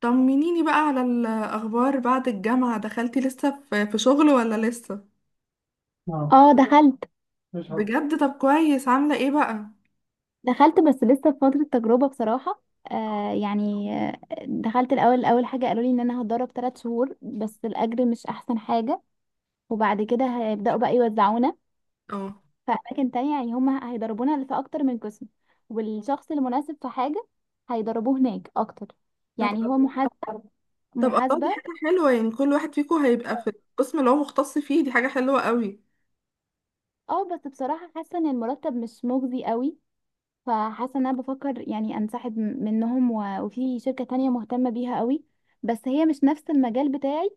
طمنيني بقى على الأخبار بعد الجامعة دخلتي لسه في شغل ولا لسه؟ اه اه دخلت. مش حاضر. بجد طب كويس عاملة ايه بقى؟ دخلت بس لسه في فترة تجربة بصراحة. آه يعني آه، دخلت الأول. أول حاجة قالوا لي إن أنا هتدرب 3 شهور بس الأجر مش أحسن حاجة. وبعد كده هيبدأوا بقى يوزعونا اه. في أماكن تانية، يعني هما هيدربونا في أكتر من قسم، والشخص المناسب في حاجة هيدربوه هناك أكتر، طب يعني هو محاسبة. طب الله، محاسبة. دي حاجة حلوة، يعني كل واحد فيكم هيبقى في القسم اللي هو مختص فيه، دي حاجة حلوة قوي. اه بس بصراحة حاسة إن المرتب مش مجزي قوي، فحاسه ان انا بفكر يعني انسحب منهم وفي شركه تانية مهتمه بيها قوي، بس هي مش نفس المجال بتاعي،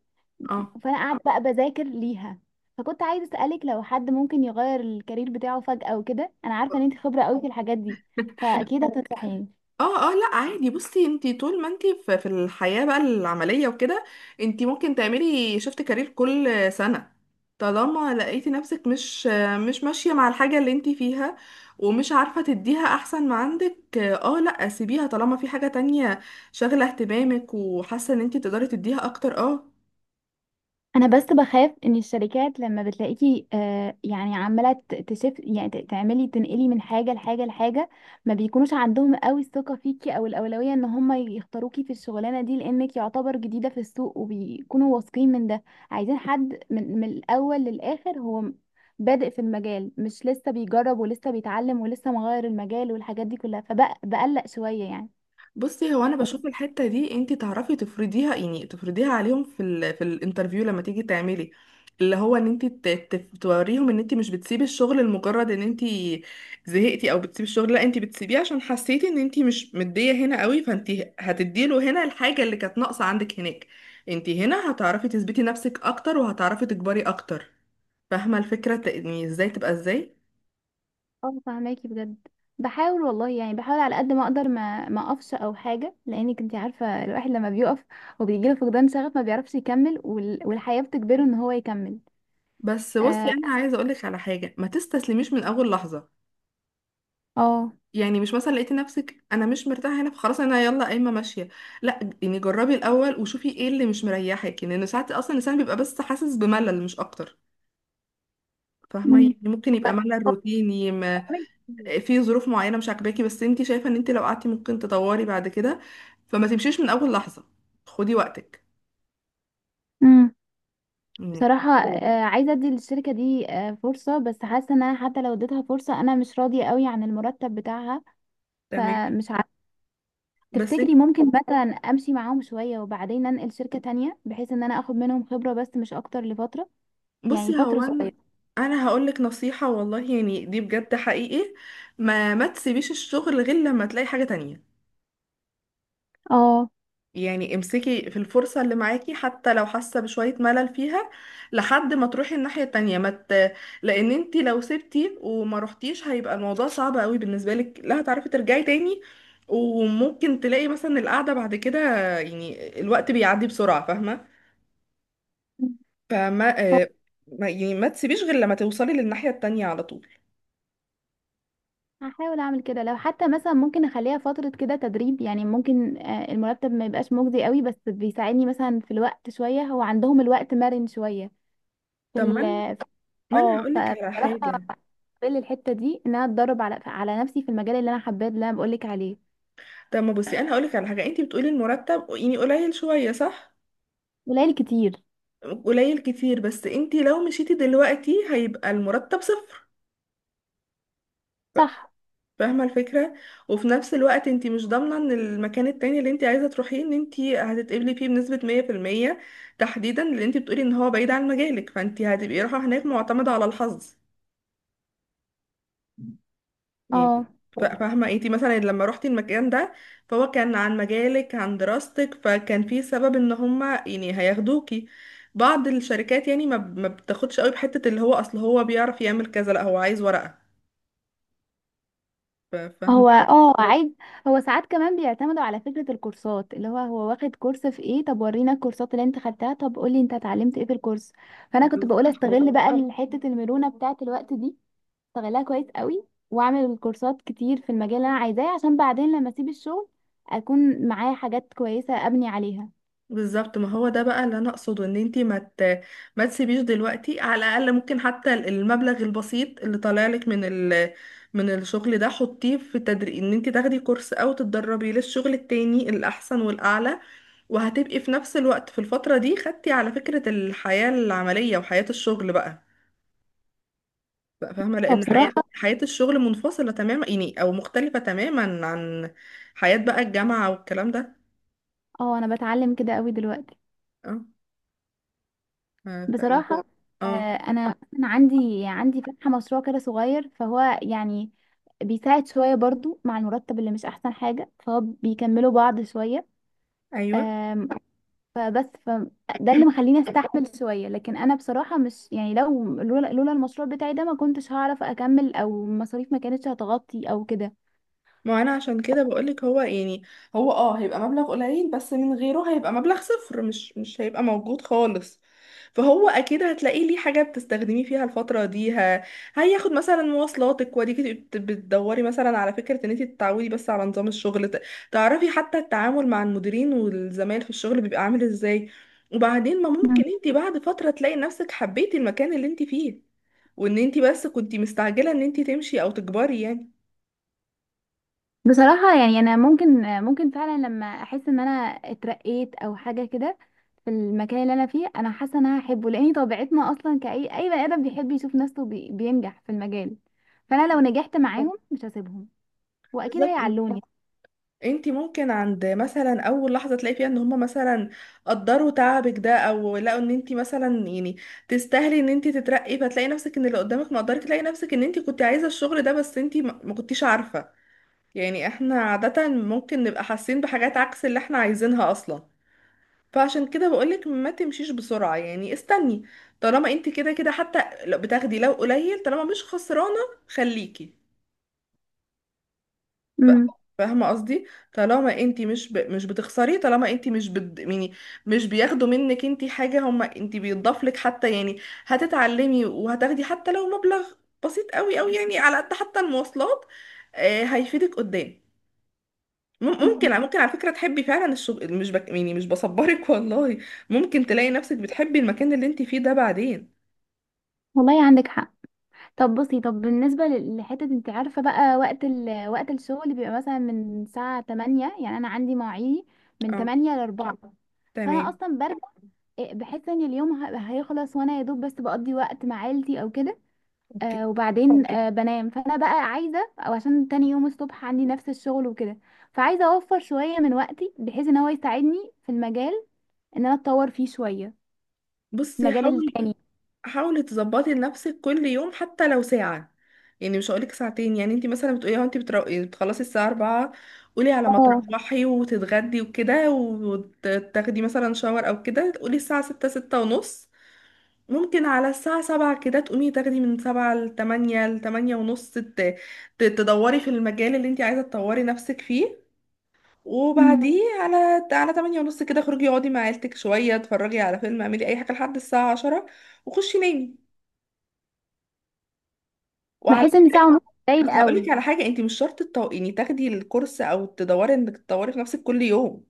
اه فانا قاعده بقى بذاكر ليها. فكنت عايزه اسالك لو حد ممكن يغير الكارير بتاعه فجاه وكده، انا عارفه ان انت خبره قوي في الحاجات دي، فاكيد هتنصحيني. اه اه، لا عادي، بصي انتي طول ما انتي في الحياة بقى العملية وكده، انتي ممكن تعملي شفت كارير كل سنة، طالما لقيتي نفسك مش ماشية مع الحاجة اللي انتي فيها، ومش عارفة تديها احسن ما عندك. اه، لا سيبيها طالما في حاجة تانية شاغلة اهتمامك، وحاسة ان انتي تقدري تديها اكتر. اه، انا بس بخاف ان الشركات لما بتلاقيكي آه يعني عماله تشف، يعني تعملي تنقلي من حاجه لحاجه لحاجه، ما بيكونوش عندهم قوي الثقه فيكي او الاولويه ان هم يختاروكي في الشغلانه دي، لانك يعتبر جديده في السوق وبيكونوا واثقين من ده. عايزين حد من الاول للاخر، هو بادئ في المجال، مش لسه بيجرب ولسه بيتعلم ولسه مغير المجال والحاجات دي كلها، فبقلق شويه يعني. بصي هو انا بشوف الحته دي انت تعرفي تفرضيها، يعني تفرضيها عليهم في الانترفيو لما تيجي تعملي، اللي هو ان انت توريهم ان انت مش بتسيبي الشغل لمجرد ان انت زهقتي، او بتسيبي الشغل، لا انت بتسيبيه عشان حسيتي ان انت مش مديه هنا قوي، فانت هتديله هنا الحاجه اللي كانت ناقصه عندك هناك. انت هنا هتعرفي تثبتي نفسك اكتر، وهتعرفي تكبري اكتر. فاهمه الفكره، يعني ازاي تبقى ازاي. اه فهماكي بجد. بحاول والله يعني، بحاول على قد ما اقدر ما اقفش او حاجه، لانك انت عارفه الواحد لما بيقف وبيجي له فقدان شغف ما بيعرفش يكمل، والحياه بتجبره ان هو يكمل. بس بصي اه. انا عايزه اقولك على حاجه، ما تستسلميش من اول لحظه، آه. يعني مش مثلا لقيتي نفسك انا مش مرتاحه هنا فخلاص انا يلا قايمه ماشيه، لا يعني جربي الاول وشوفي ايه اللي مش مريحك، لان ساعات اصلا الانسان بيبقى بس حاسس بملل مش اكتر. فاهمه، مم. يعني ممكن يبقى ملل هو روتيني، ما عمري كتير. في ظروف معينه مش عاجباكي، بس انت شايفه ان انت لو قعدتي ممكن تطوري بعد كده، فما تمشيش من اول لحظه، خدي وقتك. مم. مم. بصراحة آه، عايزة ادي للشركة دي آه، فرصة، بس حاسة ان انا حتى لو اديتها فرصة انا مش راضية قوي عن المرتب بتاعها، تمام. فمش عارفة. بس انت، تفتكري ممكن مثلا امشي معاهم شوية وبعدين انقل شركة تانية، بحيث ان انا اخد منهم خبرة بس مش اكتر لفترة، يعني بصي فترة هو صغيرة. انا هقولك نصيحه والله، يعني دي بجد حقيقي، ما تسيبيش الشغل غير لما تلاقي حاجه تانية، اه يعني امسكي في الفرصة اللي معاكي حتى لو حاسة بشوية ملل فيها، لحد ما تروحي الناحية التانية، ما ت... لأن انتي لو سبتي وما روحتيش هيبقى الموضوع صعب قوي بالنسبة لك، لا هتعرفي ترجعي تاني، وممكن تلاقي مثلا القعدة بعد كده، يعني الوقت بيعدي بسرعة. فاهمة؟ فما هو آه، ما يعني ما تسيبيش غير لما توصلي للناحية التانية على طول. هحاول اعمل كده، لو حتى مثلا ممكن اخليها فترة كده تدريب يعني، ممكن آه، المرتب ما يبقاش مجزي قوي بس بيساعدني مثلا في الوقت شوية، هو عندهم الوقت مرن شوية في طب ما ال. انا ما انا اه هقولك على فبصراحة حاجة، بقبل الحتة دي ان انا اتدرب على نفسي في المجال اللي انا حباه اللي انا بقولك عليه. طب ما بصي انا هقولك على حاجة، انتي بتقولي المرتب يعني قليل شوية، صح؟ قليل كتير. قليل كتير، بس انتي لو مشيتي دلوقتي هيبقى المرتب صفر. ف- صح. فاهمة الفكرة. وفي نفس الوقت انتي مش ضامنة ان المكان التاني اللي انتي عايزة تروحيه ان انتي هتتقبلي فيه بنسبة مية في المية، تحديدا لان انتي بتقولي ان هو بعيد عن مجالك، فانتي هتبقي رايحة هناك معتمدة على الحظ يعني. اه فاهمة، انتي مثلا لما روحتي المكان ده فهو كان عن مجالك، عن دراستك، فكان في سبب ان هما يعني هياخدوكي. بعض الشركات يعني ما بتاخدش قوي بحتة اللي هو اصل هو بيعرف يعمل كذا، لا هو عايز ورقة. فاهمة. هو اه عيب. هو ساعات كمان بيعتمدوا على فكرة الكورسات، اللي هو هو واخد كورس في ايه، طب ورينا الكورسات اللي انت خدتها، طب قولي انت اتعلمت ايه في الكورس. فانا كنت بقول استغل بقى حتة المرونة بتاعة الوقت دي، استغلها كويس قوي واعمل كورسات كتير في المجال اللي انا عايزاه، عشان بعدين لما اسيب الشغل اكون معايا حاجات كويسة ابني عليها. بالظبط، ما هو ده بقى اللي انا اقصده، ان انتي ما تسيبيش دلوقتي، على الاقل ممكن حتى المبلغ البسيط اللي طالع لك من من الشغل ده حطيه في تدريب، ان انتي تاخدي كورس او تتدربي للشغل التاني الاحسن والاعلى، وهتبقي في نفس الوقت في الفترة دي خدتي على فكرة الحياة العملية وحياة الشغل بقى، بقى فاهمة، لان حياة، فبصراحة الشغل منفصلة تماما يعني، او مختلفة تماما عن حياة بقى الجامعة والكلام ده. اه انا بتعلم كده قوي دلوقتي. اه. فايه. بصراحة آه، اه. أنا عندي فاتحة مشروع كده صغير، فهو يعني بيساعد شوية برضو مع المرتب اللي مش أحسن حاجة، فهو بيكملوا بعض شوية. ايوه، آم، فبس ف ده اللي مخليني أستحمل شوية، لكن أنا بصراحة مش يعني لو لولا لولا المشروع بتاعي ده ما كنتش هعرف أكمل أو المصاريف ما كانتش هتغطي أو كده. ما انا عشان كده بقولك، هو يعني هو، هيبقى مبلغ قليل بس من غيره هيبقى مبلغ صفر، مش هيبقى موجود خالص، فهو اكيد هتلاقيه ليه حاجة بتستخدمي فيها الفترة دي، هياخد مثلا مواصلاتك، وديكي بتدوري مثلا على فكرة ان انت تتعودي بس على نظام الشغل، تعرفي حتى التعامل مع المديرين والزمايل في الشغل بيبقى عامل ازاي. وبعدين ما ممكن انت بعد فترة تلاقي نفسك حبيتي المكان اللي انت فيه، وان انت بس كنتي مستعجلة ان انت تمشي او تكبري يعني. بصراحة يعني أنا ممكن فعلا لما أحس إن أنا اترقيت أو حاجة كده في المكان اللي أنا فيه، أنا حاسة إن أنا هحبه، لأن طبيعتنا أصلا كأي بني آدم بيحب يشوف نفسه بينجح في المجال. فأنا لو نجحت معاهم مش هسيبهم، وأكيد بالظبط، هيعلوني. انتي ممكن عند مثلا اول لحظه تلاقي فيها ان هما مثلا قدروا تعبك ده، او لقوا ان انتي مثلا يعني تستاهلي ان انتي تترقي، فتلاقي نفسك ان اللي قدامك مقدرك، تلاقي نفسك ان انتي كنتي عايزه الشغل ده بس انتي ما كنتيش عارفه، يعني احنا عاده ممكن نبقى حاسين بحاجات عكس اللي احنا عايزينها اصلا. فعشان كده بقولك ما تمشيش بسرعه، يعني استني، طالما انتي كده كده حتى لو بتاخدي لو قليل، طالما مش خسرانه، خليكي. ف- امم. فاهمه قصدي، طالما انت مش بتخسري، طالما انت مش بد... يعني مش بياخدوا منك انت حاجه هما، انت بيضاف لك حتى يعني، هتتعلمي وهتاخدي حتى لو مبلغ بسيط قوي قوي يعني على قد حتى المواصلات، هيفيدك قدام. ممكن ممكن على فكره تحبي فعلا الشغل، مش يعني مش بصبرك والله، ممكن تلاقي نفسك بتحبي المكان اللي انت فيه ده بعدين. والله عندك حق. طب بصي، طب بالنسبة لحتة أنت عارفة بقى وقت وقت الشغل بيبقى مثلا من الساعة 8، يعني أنا عندي مواعيدي من اه. 8 ل 4. فأنا تمام. أصلا برجع إيه، بحس ان اليوم هيخلص وانا يا دوب بس بقضي وقت مع عيلتي او كده. اوكي، آه وبعدين اوكي آه بنام، فانا بقى عايزه او عشان تاني يوم الصبح عندي نفس الشغل وكده، فعايزه اوفر شويه من وقتي بحيث ان هو يساعدني في المجال، ان انا اتطور فيه شويه. بصي المجال حاولي، التاني. حاولي تظبطي لنفسك كل يوم حتى لو ساعة، يعني مش هقولك ساعتين، يعني انت مثلا بتقولي اه، انت يعني بتخلصي الساعة 4، قولي على ما اه. تروحي وتتغدي وكده، وتاخدي مثلا شاور او كده، تقولي الساعة 6، 6 ونص، ممكن على الساعة 7 كده تقومي تاخدي من 7 ل 8 ل 8 ونص، تدوري في المجال اللي انت عايزة تطوري نفسك فيه، مم. وبعديه على 8 ونص كده اخرجي اقعدي مع عيلتك شوية، اتفرجي على فيلم، اعملي اي حاجة لحد الساعة 10، وخشي نامي. وعلى بحس ان ساعه فكرة ونص قليل بس هقول لك قوي. على حاجة، انت مش شرط يعني تاخدي الكورس او تدوري انك تطوري في نفسك كل يوم،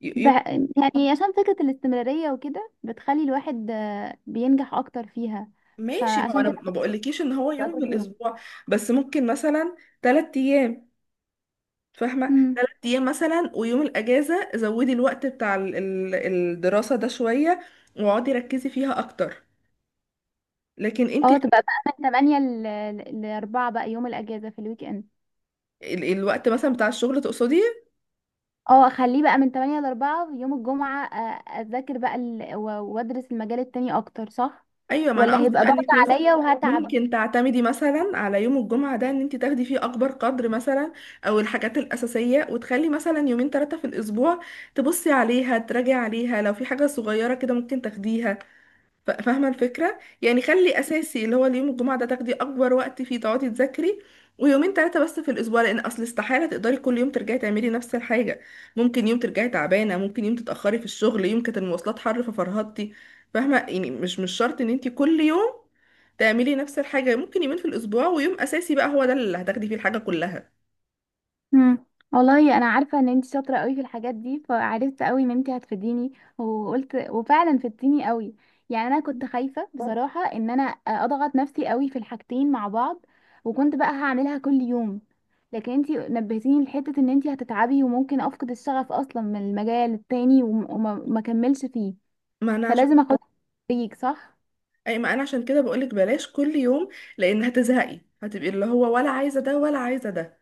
ب... يوم يعني عشان فكره الاستمراريه وكده بتخلي الواحد آه، بينجح اكتر فيها، ماشي، ما هو فعشان انا كده ما بقولكيش ان هو بتبقى يوم في كل الاسبوع، بس ممكن مثلا ثلاث ايام، فاهمة، يوم. ثلاث ايام مثلا، ويوم الاجازة زودي الوقت بتاع الدراسة ده شوية، واقعدي ركزي فيها اكتر. لكن انت اه تبقى بقى من 8 ل 4، بقى يوم الاجازه في الويك اند. الوقت مثلا بتاع الشغل تقصدي؟ اه اخليه بقى من 8 ل 4 يوم الجمعه، آه، اذاكر بقى وادرس المجال التاني اكتر، صح؟ ايوه، ما انا ولا قصدي هيبقى بقى ان ضغط انت مثلا عليا وهتعب. ممكن تعتمدي مثلا على يوم الجمعه ده ان انت تاخدي فيه اكبر قدر، مثلا او الحاجات الاساسيه، وتخلي مثلا يومين ثلاثه في الاسبوع تبصي عليها، تراجعي عليها، لو في حاجه صغيره كده ممكن تاخديها. فاهمة الفكرة؟ يعني خلي أساسي اللي هو اليوم الجمعة ده تاخدي أكبر وقت فيه تقعدي تذاكري، ويومين تلاتة بس في الأسبوع، لأن أصل استحالة تقدري كل يوم ترجعي تعملي نفس الحاجة، ممكن يوم ترجعي تعبانة، ممكن يوم تتأخري في الشغل، يوم كانت المواصلات حر ففرهدتي، فاهمة، يعني مش شرط إن انتي كل يوم تعملي نفس الحاجة، ممكن يومين في الأسبوع، ويوم أساسي بقى هو ده اللي هتاخدي فيه الحاجة كلها. مم. والله انا عارفه ان انت شاطره قوي في الحاجات دي، فعرفت قوي ان انت هتفيديني، وقلت وفعلا فدتيني قوي. يعني انا كنت خايفه بصراحه ان انا اضغط نفسي قوي في الحاجتين مع بعض، وكنت بقى هعملها كل يوم، لكن انت نبهتيني لحته ان انت هتتعبي وممكن افقد الشغف اصلا من المجال التاني وما ما اكملش فيه، ما أنا عشان فلازم اخد بريك صح. ما أنا عشان كده بقولك بلاش كل يوم، لأن هتزهقي، هتبقي اللي هو ولا عايزة ده ولا عايزة ده.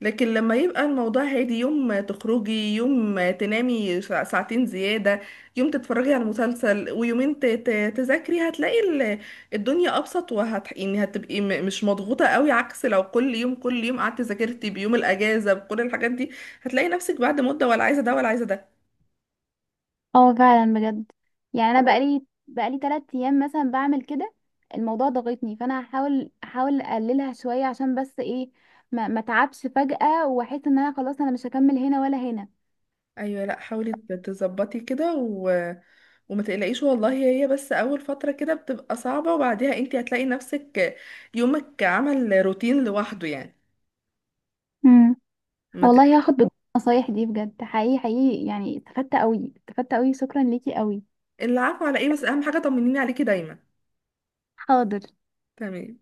لكن لما يبقى الموضوع هادي، يوم تخرجي، يوم تنامي ساعتين زيادة، يوم تتفرجي على مسلسل، ويومين تذاكري، هتلاقي الدنيا أبسط، يعني هتبقي مش مضغوطة قوي، عكس لو كل يوم كل يوم قعدتي ذاكرتي بيوم الأجازة بكل الحاجات دي، هتلاقي نفسك بعد مدة ولا عايزة ده ولا عايزة ده. اه فعلا بجد. يعني انا بقالي تلات ايام مثلا بعمل كده، الموضوع ضاغطني، فانا احاول اقللها شويه، عشان بس ايه ما اتعبش فجاه واحس ان انا خلاص انا مش هكمل هنا ولا هنا. أيوة، لأ حاولي تظبطي كده وما تقلقيش، والله هي بس أول فترة كده بتبقى صعبة، وبعديها انتي هتلاقي نفسك يومك عمل روتين لوحده يعني، امم. ما والله تقلقيش. هاخد النصايح دي بجد حقيقي حقيقي، يعني استفدت قوي استفدت قوي، شكرا ليكي قوي. العفو، على ايه، بس اهم حاجة طمنيني عليكي دايما. حاضر. تمام.